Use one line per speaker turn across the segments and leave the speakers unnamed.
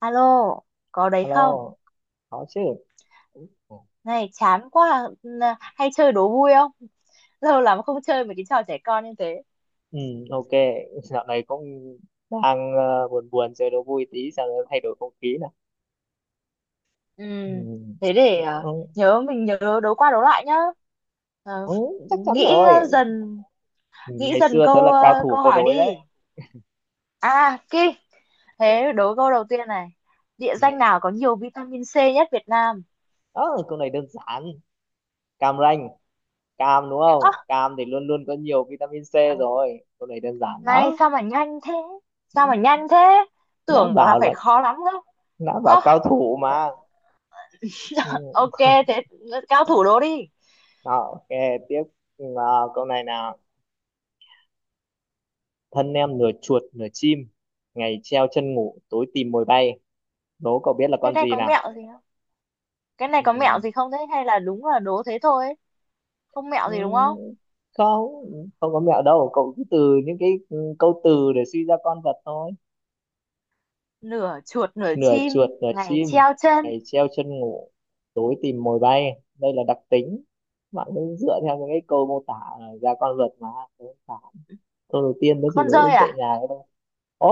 Alo, có đấy không?
Alo, có chứ.
Này, chán quá. Hay chơi đố vui không? Lâu lắm không chơi mấy cái trò trẻ con như thế.
Ừ, ok. Dạo này cũng đang buồn buồn chơi đố vui tí sao nó thay đổi không khí nè.
Ừ,
Ừ.
thế để
Ừ,
mình nhớ đố qua đố lại nhá. Ờ,
ừ, chắc chắn
nghĩ ờ,
rồi.
dần,
Ừ,
nghĩ
ngày
dần
xưa tớ là cao thủ
câu
câu
hỏi
đối
đi.
đấy.
À, Ki, thế đố câu đầu tiên này. Địa danh
Yeah.
nào có nhiều vitamin C nhất Việt Nam?
Ờ, câu này đơn giản. Cam Ranh, cam đúng
Ơ,
không? Cam thì luôn luôn có nhiều vitamin C rồi. Câu này đơn giản
này
đó.
sao mà nhanh thế?
Ừ,
Sao mà nhanh thế?
Đã
Tưởng là
bảo là
phải khó lắm đâu.
đã
Ơ,
bảo cao thủ mà. Ừ.
ok, thế cao thủ đố đi.
Đó, ok, tiếp. Ừ, nào, câu này nào. Thân em nửa chuột nửa chim, ngày treo chân ngủ, tối tìm mồi bay, đố cậu biết là
Cái
con
này
gì
có
nào?
mẹo gì không, cái này có mẹo
Ừ.
gì không, thế hay là đúng là đố thế thôi ấy? Không mẹo gì đúng không?
Ừ, không không có mẹo đâu, cậu cứ từ những cái câu từ để suy ra con vật thôi.
Nửa chuột nửa
Nửa
chim,
chuột nửa
ngày
chim,
treo chân.
ngày treo chân ngủ, tối tìm mồi bay, đây là đặc tính. Bạn cứ dựa theo những cái câu mô tả ra con vật mà. Thế không phải. Câu đầu tiên mới chỉ
Con
đố
dơi
dạy
à?
nhà cái thôi. Ố,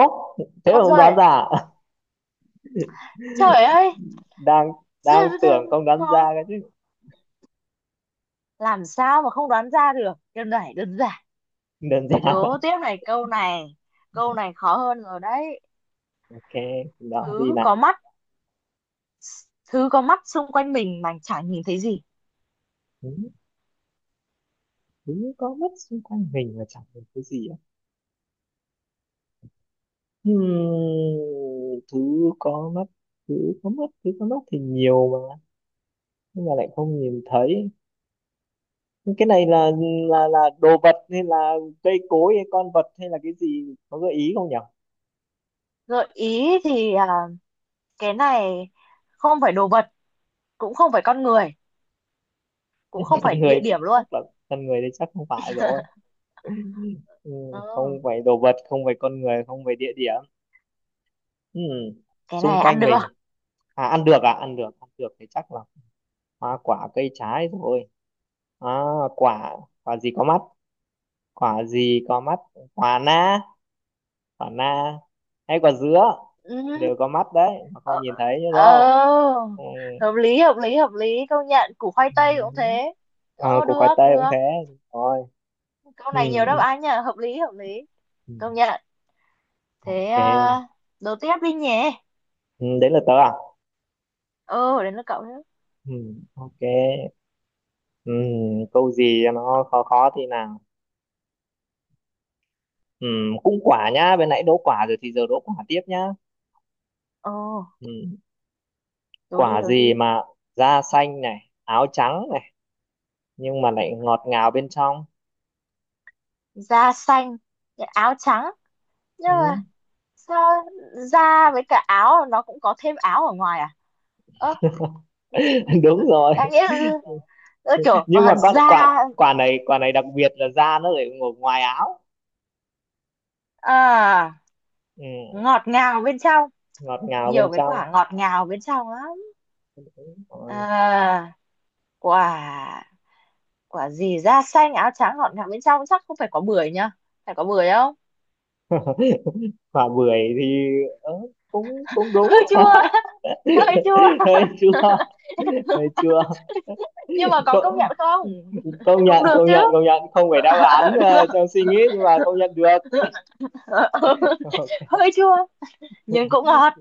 thế mà
Con
không
dơi
đoán
à?
ra à?
Trời ơi,
đang đang
dơi với dơi
tưởng không đoán ra
khó.
cái chứ.
Làm sao mà không đoán ra được, đơn giản, đơn giản.
Đơn
Để
giản.
đố tiếp này, câu này, câu này khó hơn rồi đấy.
Ok, đó thì
thứ
là
có mắt thứ có mắt xung quanh mình mà chẳng nhìn thấy gì.
thứ, thứ có mất xung quanh mình và chẳng được cái gì á. Hmm, có mất, thứ có mất thì nhiều mà, nhưng mà lại không nhìn thấy. Nhưng cái này là là đồ vật hay là cây cối hay con vật, hay là cái gì, có gợi ý không nhỉ?
Gợi ý thì cái này không phải đồ vật, cũng không phải con người, cũng không
Con
phải
người
địa
thì
điểm luôn.
chắc là con người thì chắc không phải rồi. Ừ,
Ừ.
không phải đồ vật, không phải con người, không phải địa điểm. Ừ,
Cái
xung
này ăn
quanh
được.
mình. À, ăn được à, ăn được thì chắc là hoa quả cây trái rồi. À, quả quả gì có mắt, quả gì có mắt quả na, quả na hay quả dứa
Ừ.
đều có mắt đấy mà không
Ờ,
nhìn thấy đúng không?
ờ,
Ừ.
hợp lý hợp lý hợp lý, công nhận củ khoai
Ừ.
tây cũng thế.
À, củ
Được
khoai tây cũng
được.
thế rồi.
Câu
Ừ,
này nhiều đáp án nhỉ, hợp lý hợp lý,
ừ, ừ.
công nhận. Thế
Ok.
à, đố tiếp đi nhỉ.
Ừ, đấy là tớ à.
Ừ, đến lượt cậu nữa.
Ừ. Ok. Ừ, câu gì cho nó khó khó thì nào. Ừ, cũng quả nhá, bên nãy đố quả rồi thì giờ đố quả tiếp nhá.
Ừ,
Ừ.
đố đi
Quả
đố
gì
đi.
mà da xanh này, áo trắng này, nhưng mà lại ngọt ngào bên trong?
Da xanh, áo trắng, nhưng
Ừ.
mà sao da với cả áo, nó cũng có thêm áo ở ngoài à? Ơ
Đúng rồi.
đáng nghĩa là- Ơ, kiểu,
Nhưng mà con
da
quả quả này đặc biệt là da nó lại ngồi ngoài áo.
à.
Ừ.
Ngọt ngào bên trong.
Ngọt ngào bên
Nhiều cái
trong.
quả ngọt ngào bên trong lắm.
Đúng rồi.
à, Quả, gì da xanh áo trắng ngọt ngào bên trong, chắc không phải có bưởi nhá. Phải có bưởi không?
Quả bưởi thì ờ, cũng cũng đúng.
Hơi chua, hơi chua.
Hơi chua. Hơi chua.
Nhưng mà có
công,
công nhận không?
công
Cũng
nhận
được
công
chứ.
nhận công nhận không phải đáp án
Được.
trong suy nghĩ, nhưng mà công nhận được. Ok.
Hơi chua nhưng cũng ngọt.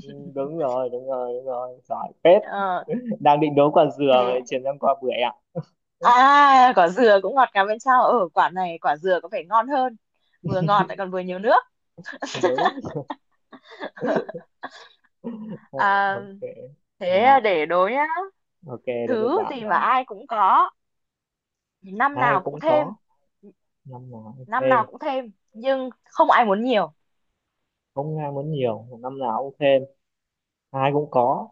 Ừ, đúng rồi, đúng rồi, đúng rồi, giỏi phết.
Ờ,
Đang định đố quả dừa mà
thế
lại chuyển sang quả bưởi ạ.
à, quả dừa cũng ngọt ngào bên trong, ở quả này quả dừa có vẻ ngon hơn. Vừa ngọt lại còn vừa nhiều nước.
Đúng. Ồ,
à,
ok. Mà
Thế để đố nhá.
ok, đến lượt
Thứ
bạn
gì mà
rồi.
ai cũng có, năm
Ai
nào cũng
cũng
thêm,
có, năm nào cũng
năm
thêm,
nào cũng thêm nhưng không ai muốn nhiều.
không ai muốn nhiều, năm nào cũng thêm, ai cũng có.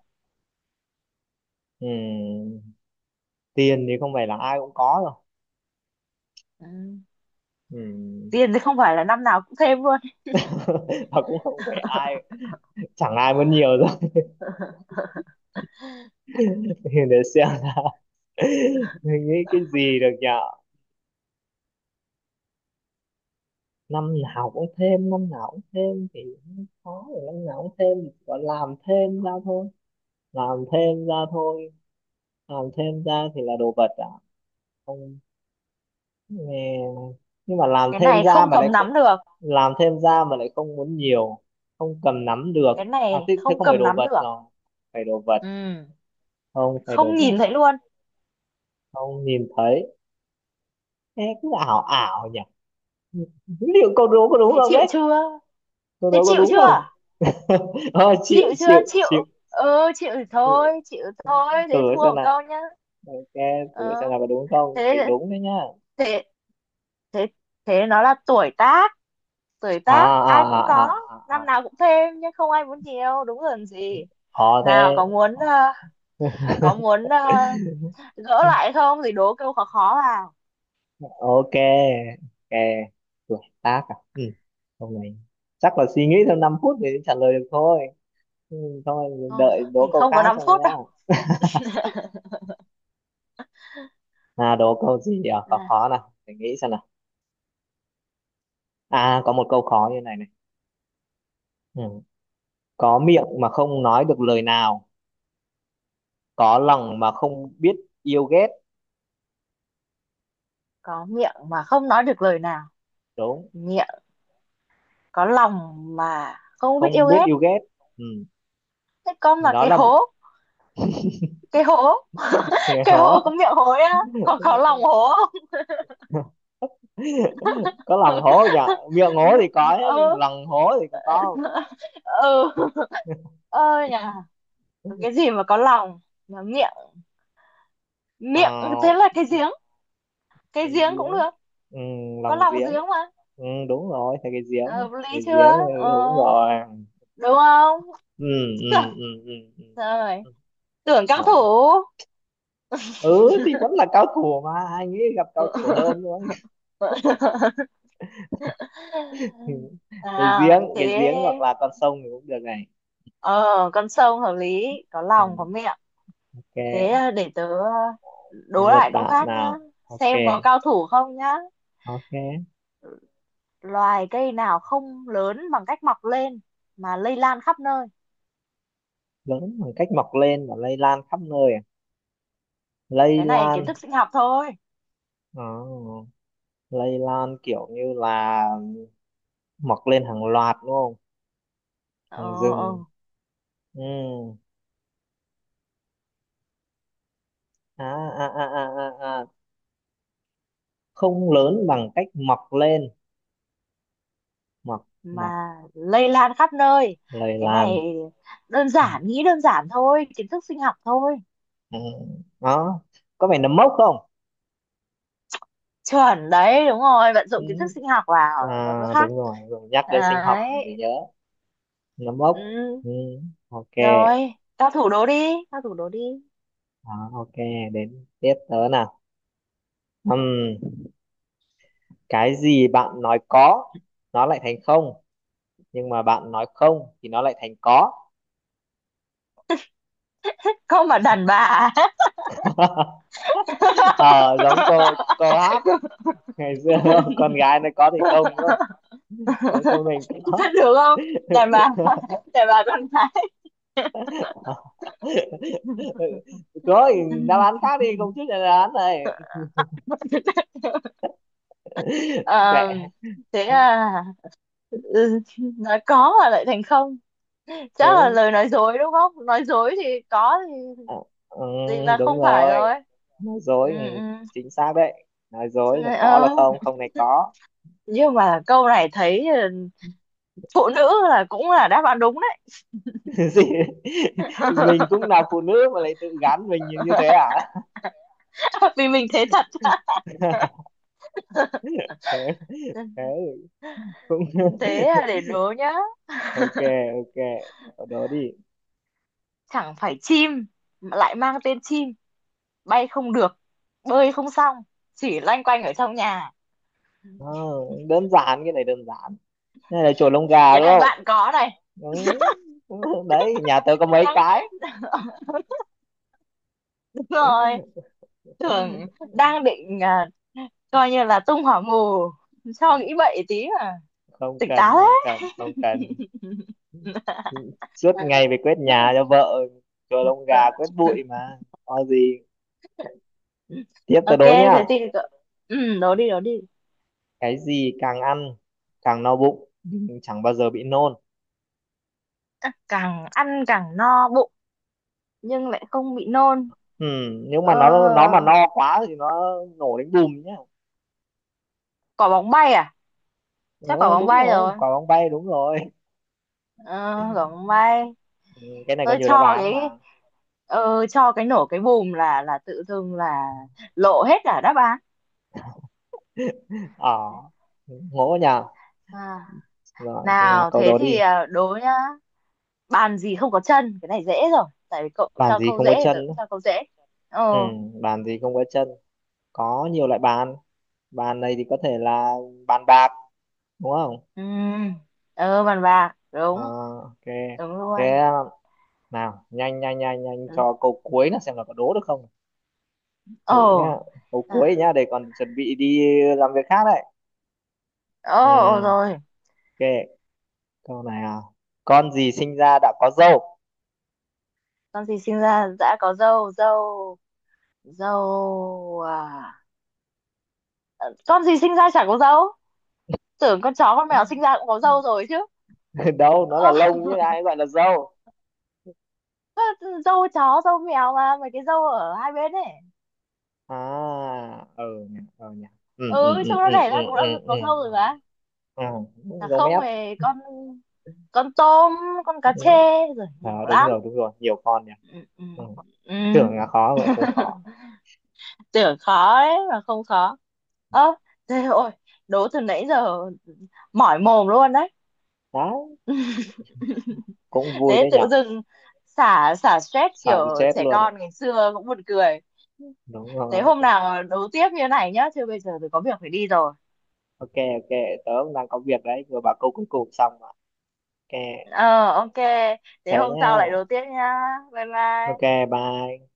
Ừm, tiền thì không phải là ai cũng có rồi.
Ừ.
Ừm,
Tiền thì không phải là năm nào cũng thêm luôn.
và cũng không phải ai chẳng ai muốn nhiều rồi thì để xem nào. Mình nghĩ cái gì được nhở? Năm nào cũng thêm, thì cũng có rồi. Năm nào cũng thêm thì gọi làm thêm ra thôi. làm thêm ra thôi làm thêm ra thì là đồ vật à? Không, nghe nhưng mà
Cái này không cầm nắm được,
làm thêm ra mà lại không muốn nhiều. Không cầm nắm được.
cái
À
này
thế, thế
không
không phải
cầm
đồ
nắm
vật
được.
rồi phải đồ vật.
Ừ.
Không phải đồ
Không
vật,
nhìn thấy luôn.
không nhìn thấy. Thế cứ ảo ảo nhỉ, liệu câu đố có đúng
Thế
không
chịu
đấy?
chưa?
Câu
Thế
đố có
chịu
đúng
chưa?
không? Thôi chịu,
Chịu
chịu,
chưa? Chịu.
chịu.
Ừ, chịu thì
Chịu.
thôi, chịu thôi,
Thử
thế thua
xem
một
nào.
câu nhá.
Ok, thử
Ờ,
xem nào, có đúng không? Phải
thế
đúng đấy nhá.
thế thế thế nó là tuổi tác. Tuổi
À
tác
à
ai cũng có,
à à à
năm
à.
nào cũng thêm nhưng không ai muốn nhiều, đúng rồi, làm gì.
Khó
Nào
thế.
có muốn ờ, có muốn ờ, gỡ lại không thì đố câu khó khó vào.
Ok. Ok. Tuổi tác à? Ừ. Hôm nay chắc là suy nghĩ thêm 5 phút để trả lời được thôi. Ừ, thôi,
Thôi,
đợi đố
mình
câu
không có
khác
năm
cho
phút
nhá.
đâu.
À, đố câu gì à, khó
À,
khó nào, để nghĩ xem nào. À, có một câu khó như này này. Ừ. Có miệng mà không nói được lời nào, có lòng mà không biết yêu ghét.
có miệng mà không nói được lời nào,
Đúng,
miệng có lòng mà không biết yêu
không biết
ghét.
yêu ghét. Ừ.
Thế con là
Đó
cái
là,
hố, cái hố,
nghe
cái hố có
hố.
miệng hối á, còn có lòng hố.
Có lòng hố nhở, miệng hố thì có hết nhưng
Ừ,
lòng hố thì có không?
ừ, ơi nhà, cái gì mà có lòng mà miệng,
Ờ,
thế là cái giếng, cái
cái
giếng cũng
giếng.
được.
Ừ,
Có
lòng
lòng
giếng.
giếng mà.
Ừ, đúng rồi, thấy cái
Ờ,
giếng,
hợp
cái
lý
giếng, ừ,
chưa? ờ,
đúng rồi.
Đúng không?
Ừ, ừ, ừ, ừ, ừ, ừ.
Rồi,
Ừ.
tưởng cao thủ.
Hỏi. Ừ, thì vẫn là cao thủ mà, anh ấy gặp cao thủ hơn nữa. Cái
À,
giếng, cái
thế,
giếng, hoặc là con sông thì cũng được này.
ờ con sông hợp lý, có
Ừ,
lòng có miệng. Thế
ok.
à, để tớ
Đến
đố
lượt
lại câu
bạn
khác nhá.
nào. Ok.
Xem có cao thủ không nhá.
Ok.
Loài cây nào không lớn bằng cách mọc lên mà lây lan khắp nơi.
Lớn bằng cách mọc lên và lây lan khắp nơi à? Lây
Cái này
lan.
kiến thức sinh học thôi.
Ờ, lây lan kiểu như là mọc lên hàng loạt đúng không?
Ờ,
Hoàng rừng.
ờ,
Ừ. À, à, à, à, à, à. Không lớn bằng cách mọc lên. Mọc, mọc,
mà lây lan khắp nơi.
lời
Cái này
làn.
đơn
Ừ.
giản, nghĩ đơn giản thôi, kiến thức sinh học thôi.
Ừ. Đó. Có phải nấm mốc không?
Chuẩn đấy, đúng rồi, vận
Ừ.
dụng kiến thức sinh học vào nó
À,
có khác.
đúng rồi. Rồi nhắc đến sinh học
Đấy.
mình mới nhớ. Nấm mốc.
Ừ.
Ừ. Ok.
Rồi tao thủ đố đi, tao thủ đố đi.
Đó, ok. Đến tiếp tớ nào. Ừm, Cái gì bạn nói có, nó lại thành không, nhưng mà bạn nói không thì nó lại thành có.
Không mà đàn bà.
Ờ, giống câu câu hát ngày xưa đúng không? Con gái nó có thì không đúng không, nếu không mình có.
Vẫn được không. Đàn bà, đàn bà con gái.
Có thì đáp án khác đi không, chút là đáp án này. Mẹ,
Ờ, thế à, ừ, nói có mà lại thành không, chắc là
đúng.
lời nói dối, đúng không, nói dối thì có thì
À, ừ,
thì là
đúng
không phải
rồi,
rồi.
nói
Ừ,
dối. Ừ,
ừ.
chính xác đấy, nói dối là có là
Ờ,
không, không này có.
nhưng mà câu này thấy phụ nữ là cũng là đáp án đúng đấy.
Gì, mình cũng là phụ nữ mà lại tự gắn mình như như thế à?
Vì mình thế thật.
Thế, thế cũng.
Thế à, để đố nhá.
Ok. Ok, cậu đố đi.
Chẳng phải chim mà lại mang tên chim, bay không được, bơi không xong, chỉ loanh quanh ở trong nhà.
Ờ, đơn giản, cái này đơn giản. Cái này là chổi lông gà
Cái
đúng
này
không?
bạn có này.
Đúng. Đấy nhà tớ có mấy
Đang
cái.
đúng rồi, tưởng đang định coi như là tung hỏa mù cho nghĩ bậy tí mà.
Không
Tỉnh táo.
cần, không cần, không cần. Suốt ngày phải quét nhà cho vợ, chổi lông
Đấy.
gà quét bụi mà, có gì. Tiếp tớ
Ok,
đố nhá.
ừ, đố đi đố đi.
Cái gì càng ăn càng no bụng nhưng chẳng bao giờ bị nôn?
Càng ăn càng no bụng nhưng lại không bị nôn.
Ừ, nhưng mà
Ờ,
nó mà no quá thì nó nổ đến bùm nhá.
quả bóng bay à?
Ờ,
Chắc quả bóng
đúng
bay rồi.
rồi, quả bóng bay, đúng rồi.
Ờ, quả bóng bay.
Ừ, cái này có
tôi
nhiều đáp
cho
án
cái
mà.
ờ, cho cái nổ cái bùm là tự dưng lộ hết cả đáp án.
Ờ, ngộ nhỉ.
à,
Rồi, thế là
Nào
câu
thế
đó
thì
đi.
đố nhá. Bàn gì không có chân? Cái này dễ rồi, tại vì cậu
Bàn
cho
gì
câu
không có
dễ thì
chân?
tớ cũng
Á?
cho câu dễ.
Ừ,
Ồ,
bàn gì không có chân? Có nhiều loại bàn. Bàn này thì có thể là bàn bạc, đúng không?
ừ, ờ, bàn bạc
Ờ,
đúng.
ok.
Đúng
Thế
luôn.
nào, nhanh nhanh nhanh nhanh
Ừ.
cho câu cuối là xem là có đố được không? Thử
Ồ.
nhá. Câu
à,
cuối nhá, để còn chuẩn bị đi làm việc khác đấy.
Ồ,
Ừ,
ồ rồi.
ok. Câu này à. Con gì sinh ra đã có râu?
Con gì sinh ra đã có dâu dâu Dâu à? Con gì sinh ra chả có dâu. Tưởng con chó con mèo sinh ra cũng có dâu rồi chứ.
Đâu, nó là
Ơ,
lông chứ ai gọi là râu.
dâu chó dâu mèo, mà mấy cái dâu ở hai bên ấy.
À, ừ nhỉ, ừ nhỉ. Ừ, ừ,
Ừ,
ừ,
trong nó
ừ,
đẻ
ừ,
ra cũng
ừ,
đã có dâu
ừ.
rồi
Ừ.
mà.
À,
Là
giống
không
ép.
thì con con tôm, con
Ừ.
cá trê, rồi
À,
nhiều
đúng
lắm.
rồi, đúng rồi, nhiều con nhỉ.
Ừ, ừ,
Ừ.
ừ.
Tưởng là khó vậy, không khó.
Tưởng khó đấy mà không khó. Ơ, thế, ôi, đố từ nãy giờ mỏi mồm luôn đấy.
Đấy, cũng vui
Thế
đấy
tự
nhở.
dưng xả xả stress
Sợ cho
kiểu,
chết
trẻ
luôn ạ.
con ngày xưa cũng buồn cười.
Đúng
Thế
rồi.
hôm nào đấu tiếp như này nhá, chứ bây giờ tôi có việc phải đi rồi.
Ok. Ok, tớ cũng đang có việc đấy, vừa bảo câu cuối cùng xong rồi. Ok.
Ờ, ok, thế
Thế
hôm sau
nhá.
lại đấu tiếp nhá. Bye
Ok.
bye.
Bye.